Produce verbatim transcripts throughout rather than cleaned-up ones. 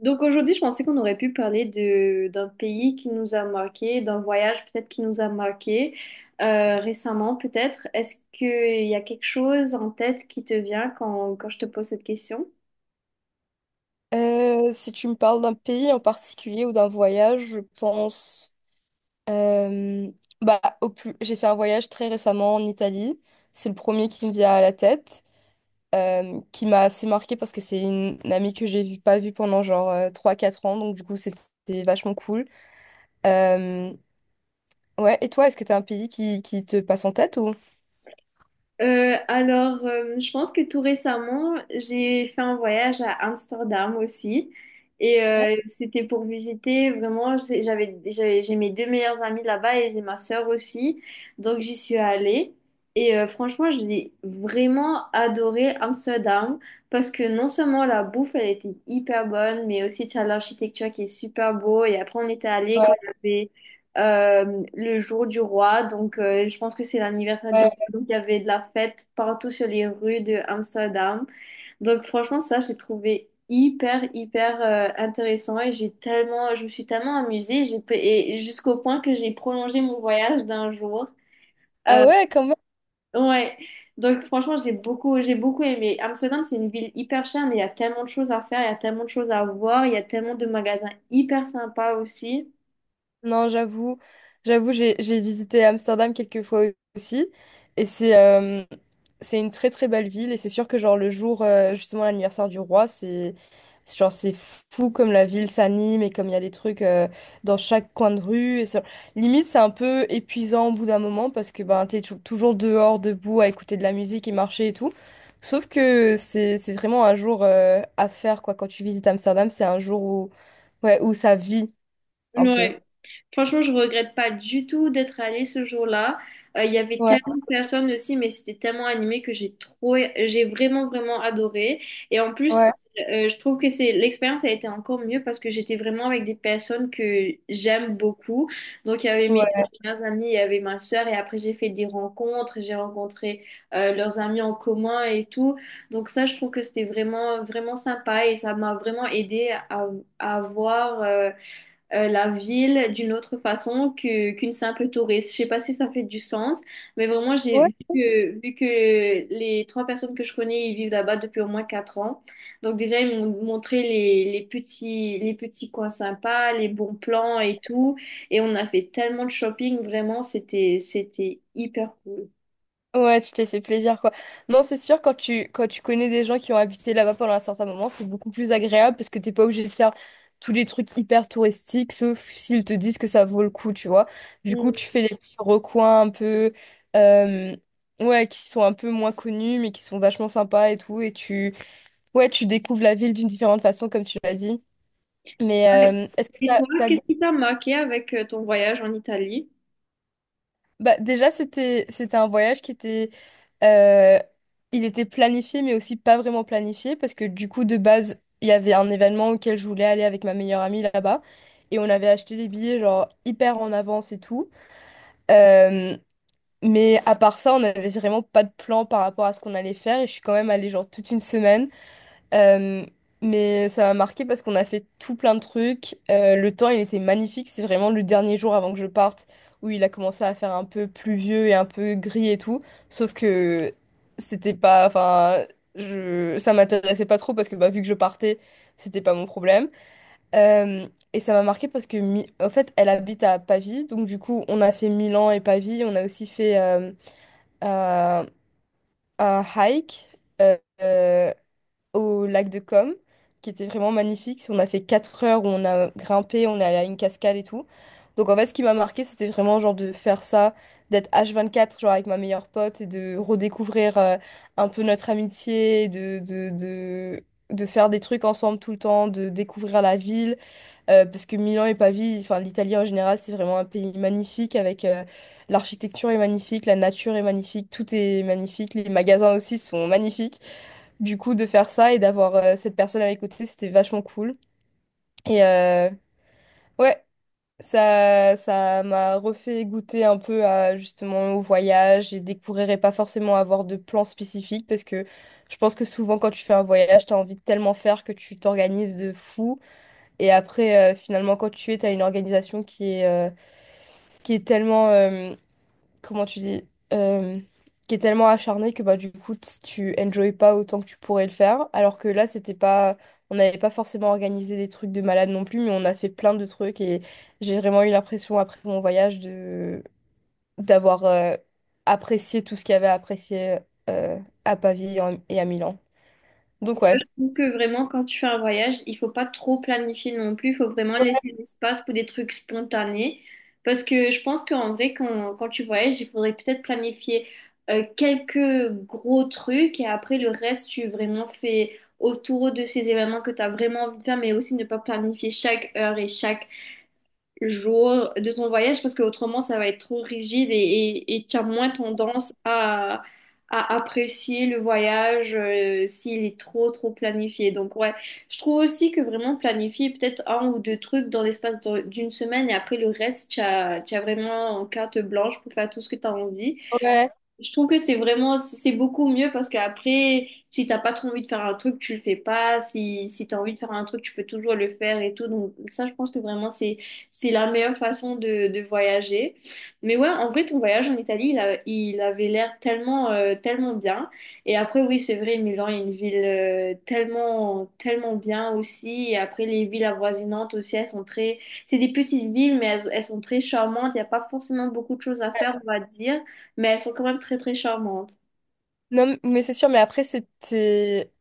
Donc aujourd'hui, je pensais qu'on aurait pu parler de, d'un pays qui nous a marqué, d'un voyage peut-être qui nous a marqué euh, récemment peut-être. Est-ce qu'il y a quelque chose en tête qui te vient quand, quand je te pose cette question? Euh, si tu me parles d'un pays en particulier ou d'un voyage, je pense euh, bah, au plus... J'ai fait un voyage très récemment en Italie. C'est le premier qui me vient à la tête, euh, qui m'a assez marqué parce que c'est une, une amie que j'ai vu, pas vue pendant genre euh, trois quatre ans, donc du coup c'était vachement cool. Euh, ouais, et toi, est-ce que tu as un pays qui, qui te passe en tête ou... Euh, alors, euh, je pense que tout récemment, j'ai fait un voyage à Amsterdam aussi. Et euh, c'était pour visiter vraiment, j'ai- j'avais, j'avais- j'ai mes deux meilleures amies là-bas et j'ai ma sœur aussi. Donc, j'y suis allée. Et euh, franchement, j'ai vraiment adoré Amsterdam parce que non seulement la bouffe, elle était hyper bonne, mais aussi tu as l'architecture qui est super beau. Et après, on était allé quand Ouais, il y avait euh, le jour du roi. Donc, euh, je pense que c'est l'anniversaire du roi. ouais. Donc, il y avait de la fête partout sur les rues de Amsterdam. Donc, franchement, ça, j'ai trouvé hyper, hyper euh, intéressant et j'ai tellement, je me suis tellement amusée. J'ai, pe- et Jusqu'au point que j'ai prolongé mon voyage d'un jour. Ah Euh, ouais, quand même. ouais. Donc, franchement, j'ai beaucoup, j'ai beaucoup aimé. Amsterdam, c'est une ville hyper chère, mais il y a tellement de choses à faire, il y a tellement de choses à voir, il y a tellement de magasins hyper sympas aussi. Non, j'avoue, j'avoue, j'ai j'ai visité Amsterdam quelques fois aussi, et c'est euh, c'est une très très belle ville, et c'est sûr que genre le jour euh, justement l'anniversaire du roi, c'est c'est genre c'est fou comme la ville s'anime et comme il y a des trucs euh, dans chaque coin de rue, et ça- limite c'est un peu épuisant au bout d'un moment parce que ben t'es tou- toujours dehors debout à écouter de la musique et marcher et tout. Sauf que c'est c'est vraiment un jour euh, à faire quoi. Quand tu visites Amsterdam, c'est un jour où ouais où ça vit un peu. Ouais. Franchement, je regrette pas du tout d'être allée ce jour-là. Euh, Il y avait Ouais. tellement de personnes aussi, mais c'était tellement animé que j'ai trop, j'ai vraiment, vraiment adoré. Et en Ouais. plus, euh, je trouve que c'est l'expérience a été encore mieux parce que j'étais vraiment avec des personnes que j'aime beaucoup. Donc, il y avait mes Ouais, deux meilleures amies, il y avait ma sœur, et après, j'ai fait des rencontres, j'ai rencontré euh, leurs amis en commun et tout. Donc, ça, je trouve que c'était vraiment, vraiment sympa et ça m'a vraiment aidé à, à voir. Euh, euh, la ville d'une autre façon que, qu'une simple touriste. Je sais pas si ça fait du sens, mais vraiment, j'ai ouais, vu que, vu que les trois personnes que je connais, ils vivent là-bas depuis au moins quatre ans. Donc déjà, ils m'ont montré les, les petits, les petits coins sympas, les bons plans et tout. Et on a fait tellement de shopping, vraiment, c'était, c'était hyper cool. ouais, tu t'es fait plaisir, quoi. Non, c'est sûr, quand tu, quand tu connais des gens qui ont habité là-bas pendant un certain moment, c'est beaucoup plus agréable parce que t'es pas obligé de faire tous les trucs hyper touristiques, sauf s'ils te disent que ça vaut le coup, tu vois. Du coup, Mm. tu fais les petits recoins un peu, euh, ouais, qui sont un peu moins connus, mais qui sont vachement sympas et tout. Et tu, ouais, tu découvres la ville d'une différente façon, comme tu l'as dit. Mais Ouais. euh, est-ce que Et t'as, toi, t'as... qu'est-ce qui t'a marqué avec euh, ton voyage en Italie? Bah, déjà, c'était c'était un voyage qui était euh, il était planifié mais aussi pas vraiment planifié parce que du coup de base, il y avait un événement auquel je voulais aller avec ma meilleure amie là-bas et on avait acheté des billets genre hyper en avance et tout. Euh, mais à part ça, on n'avait vraiment pas de plan par rapport à ce qu'on allait faire et je suis quand même allée genre toute une semaine, euh, mais ça m'a marqué parce qu'on a fait tout plein de trucs. Euh, le temps, il était magnifique. C'est vraiment le dernier jour avant que je parte où il a commencé à faire un peu pluvieux et un peu gris et tout. Sauf que c'était pas, enfin, je, ça m'intéressait pas trop parce que bah, vu que je partais, c'était pas mon problème. Euh, et ça m'a marqué parce que, Mi- en fait, elle habite à Pavie. Donc, du coup, on a fait Milan et Pavie. On a aussi fait euh, un un hike. Euh, euh, au lac de Com, qui était vraiment magnifique. On a fait quatre heures où on a grimpé, on est allé à une cascade et tout. Donc en fait, ce qui m'a marqué, c'était vraiment genre de faire ça, d'être H vingt-quatre, genre avec ma meilleure pote, et de redécouvrir euh, un peu notre amitié, de, de, de, de faire des trucs ensemble tout le temps, de découvrir la ville. Euh, parce que Milan et Pavie, enfin l'Italie en général, c'est vraiment un pays magnifique avec euh, l'architecture est magnifique, la nature est magnifique, tout est magnifique, les magasins aussi sont magnifiques. Du coup, de faire ça et d'avoir euh, cette personne à mes côtés, c'était vachement cool. Et euh, ouais, ça, ça m'a refait goûter un peu à, justement au voyage et découvrir et pas forcément avoir de plan spécifique parce que je pense que souvent quand tu fais un voyage, t'as envie de tellement faire que tu t'organises de fou. Et après, euh, finalement, quand tu es, t'as une organisation qui est, euh, qui est tellement... euh, comment tu dis, euh, qui est tellement acharné que bah du coup t- tu enjoy pas autant que tu pourrais le faire. Alors que là, c'était pas, on n'avait pas forcément organisé des trucs de malade non plus, mais on a fait plein de trucs et j'ai vraiment eu l'impression après mon voyage de d'avoir euh, apprécié tout ce qu'il y avait à apprécier euh, à Pavie et en- et à Milan. Ouais, Donc ouais. je trouve que vraiment, quand tu fais un voyage, il faut pas trop planifier non plus. Il faut vraiment laisser l'espace pour des trucs spontanés. Parce que je pense qu'en vrai, quand, quand tu voyages, il faudrait peut-être planifier euh, quelques gros trucs et après le reste, tu vraiment fais autour de ces événements que tu as vraiment envie de faire, mais aussi ne pas planifier chaque heure et chaque jours de ton voyage parce que autrement ça va être trop rigide et, et, et tu as moins tendance à, à apprécier le voyage euh, s'il est trop trop planifié. Donc ouais, je trouve aussi que vraiment planifier peut-être un ou deux trucs dans l'espace de- d'une semaine et après le reste, tu as, tu as vraiment carte blanche pour faire tout ce que tu as envie. Ouais. Je trouve que c'est vraiment, c'est beaucoup mieux parce qu'après, si t'as pas trop envie de faire un truc, tu le fais pas. Si, si t'as envie de faire un truc, tu peux toujours le faire et tout. Donc, ça, je pense que vraiment, c'est, c'est la meilleure façon de, de voyager. Mais ouais, en vrai, ton voyage en Italie, il a- il avait l'air tellement, euh, tellement bien. Et après, oui, c'est vrai, Milan est une ville, euh, tellement, tellement bien aussi. Et après, les villes avoisinantes aussi, elles sont très, c'est des petites villes, mais elles, elles sont très charmantes. Il n'y a pas forcément beaucoup de choses à faire, on va dire, mais elles sont quand même très très charmantes. Non, mais c'est sûr, mais après c'était,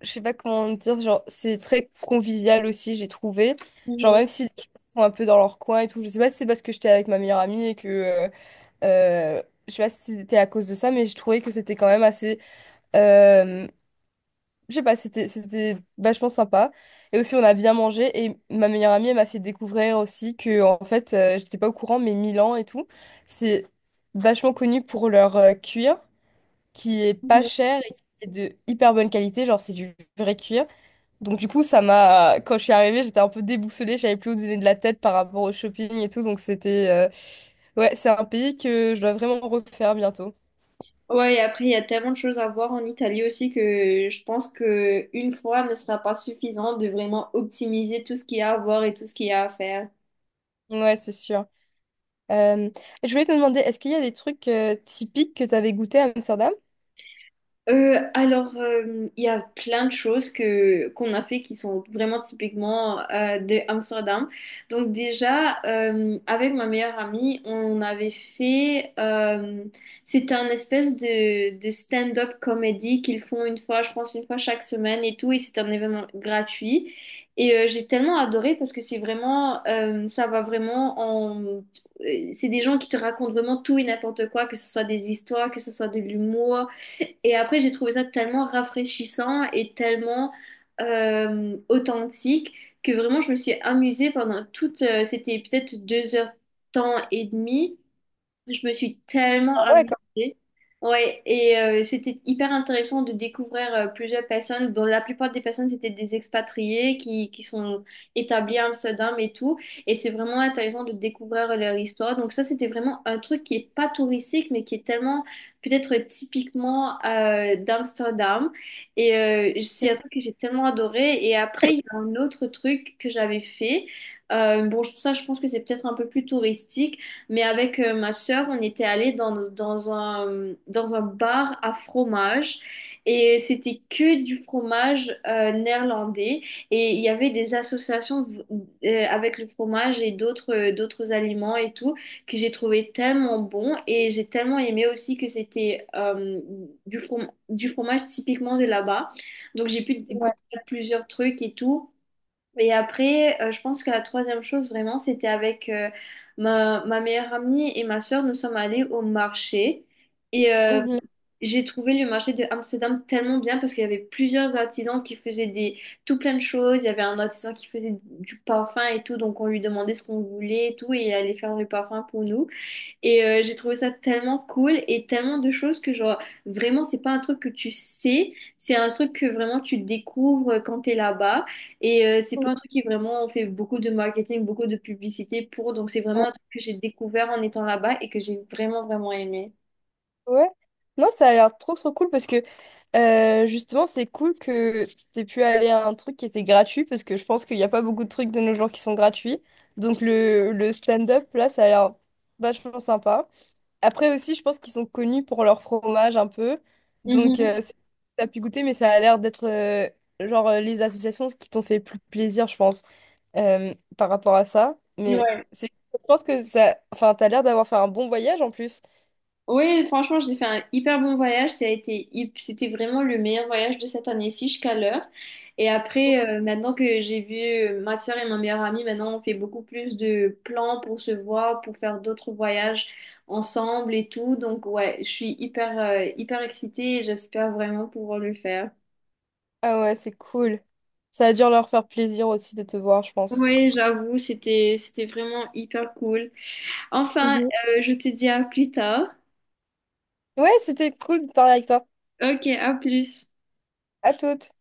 je sais pas comment dire, genre, c'est très convivial aussi, j'ai trouvé. Genre, Mhm, même si les gens sont un peu dans leur coin et tout, je sais pas si c'est parce que j'étais avec ma meilleure amie et que, euh, euh, je sais pas si c'était à cause de ça, mais je trouvais que c'était quand même assez, euh, je sais pas, c'était, c'était vachement sympa. Et aussi, on a bien mangé et ma meilleure amie, elle m'a fait découvrir aussi que, en fait, euh, j'étais pas au courant, mais Milan et tout, c'est vachement connu pour leur euh, cuir qui est pas mhm. cher et qui est de hyper bonne qualité, genre, c'est du vrai cuir. Donc du coup, ça m'a, quand je suis arrivée, j'étais un peu déboussolée, j'avais plus où donner de la tête par rapport au shopping et tout. Donc c'était, euh, ouais, c'est un pays que je dois vraiment refaire bientôt. Ouais, et après, il y a tellement de choses à voir en Italie aussi que je pense que une fois ne sera pas suffisant de vraiment optimiser tout ce qu'il y a à voir et tout ce qu'il y a à faire. Ouais, c'est sûr. Euh, Je voulais te demander, est-ce qu'il y a des trucs euh, typiques que tu avais goûté à Amsterdam? Euh, alors, euh, il y a plein de choses que qu'on a fait qui sont vraiment typiquement euh, de Amsterdam. Donc déjà, euh, avec ma meilleure amie, on avait fait, euh, c'était un espèce de, de stand-up comédie qu'ils font une fois, je pense une fois chaque semaine et tout, et c'est un événement gratuit. Et euh, j'ai tellement adoré parce que c'est vraiment, euh, ça va vraiment en, euh, c'est des gens qui te racontent vraiment tout et n'importe quoi, que ce soit des histoires, que ce soit de l'humour. Et après, j'ai trouvé ça tellement rafraîchissant et tellement euh, authentique que vraiment, je me suis amusée pendant toute. euh, C'était peut-être deux heures temps et demi, je me suis tellement Ah ouais, amusée. comme... Ouais, et euh, c'était hyper intéressant de découvrir euh, plusieurs personnes. Bon, la plupart des personnes, c'était des expatriés qui, qui sont établis à Amsterdam et tout. Et c'est vraiment intéressant de découvrir leur histoire. Donc ça, c'était vraiment un truc qui est pas touristique, mais qui est tellement peut-être typiquement euh, d'Amsterdam. Et euh, c'est un truc que j'ai tellement adoré. Et après, il y a un autre truc que j'avais fait. Euh, bon, ça, je pense que c'est peut-être un peu plus touristique. Mais avec euh, ma sœur, on était allé dans, dans un, dans un bar à fromage et c'était que du fromage euh, néerlandais et il y avait des associations euh, avec le fromage et d'autres euh, d'autres aliments et tout que j'ai trouvé tellement bon et j'ai tellement aimé aussi que c'était euh, du from- du fromage typiquement de là-bas. Donc j'ai pu Ouais. goûter à plusieurs trucs et tout. Et après, euh, je pense que la troisième chose vraiment, c'était avec euh, ma, ma meilleure amie et ma sœur, nous sommes allés au marché. Et euh, Mhm. j'ai trouvé le marché de Amsterdam tellement bien parce qu'il y avait plusieurs artisans qui faisaient des, tout plein de choses. Il y avait un artisan qui faisait du parfum et tout, donc on lui demandait ce qu'on voulait et tout, et il allait faire le parfum pour nous. Et euh, j'ai trouvé ça tellement cool et tellement de choses que genre vraiment c'est pas un truc que tu sais, c'est un truc que vraiment tu découvres euh, quand t'es là-bas et euh, c'est pas un truc qui vraiment on fait beaucoup de marketing, beaucoup de publicité pour, donc c'est vraiment un truc que j'ai découvert en étant là-bas et que j'ai vraiment vraiment aimé. Ouais. Non, ça a l'air trop trop cool parce que euh, justement, c'est cool que t'aies pu aller à un truc qui était gratuit parce que je pense qu'il n'y a pas beaucoup de trucs de nos jours qui sont gratuits. Donc le, le stand-up, là, ça a l'air vachement sympa. Après aussi, je pense qu'ils sont connus pour leur fromage un peu. Donc Mhm. euh, c'est- t'as pu goûter, mais ça a l'air d'être euh, genre euh, les associations qui t'ont fait le plus plaisir, je pense, euh, par rapport à ça. Mais Ouais. c'est, je pense que ça, enfin, t'as l'air d'avoir fait un bon voyage en plus. Oui, franchement, j'ai fait un hyper bon voyage. Ça a été, hyp- C'était vraiment le meilleur voyage de cette année-ci jusqu'à l'heure. Et après, euh, maintenant que j'ai vu euh, ma soeur et ma meilleure amie, maintenant on fait beaucoup plus de plans pour se voir, pour faire d'autres voyages ensemble et tout. Donc ouais, je suis hyper, euh, hyper excitée et j'espère vraiment pouvoir le faire. Ah ouais, c'est cool. Ça a dû leur faire plaisir aussi de te voir, je pense. Oui, j'avoue, c'était, c'était vraiment hyper cool. Enfin, Mhm. euh, je te dis à plus tard. Ouais, c'était cool de parler avec toi. Ok, à plus. À toutes.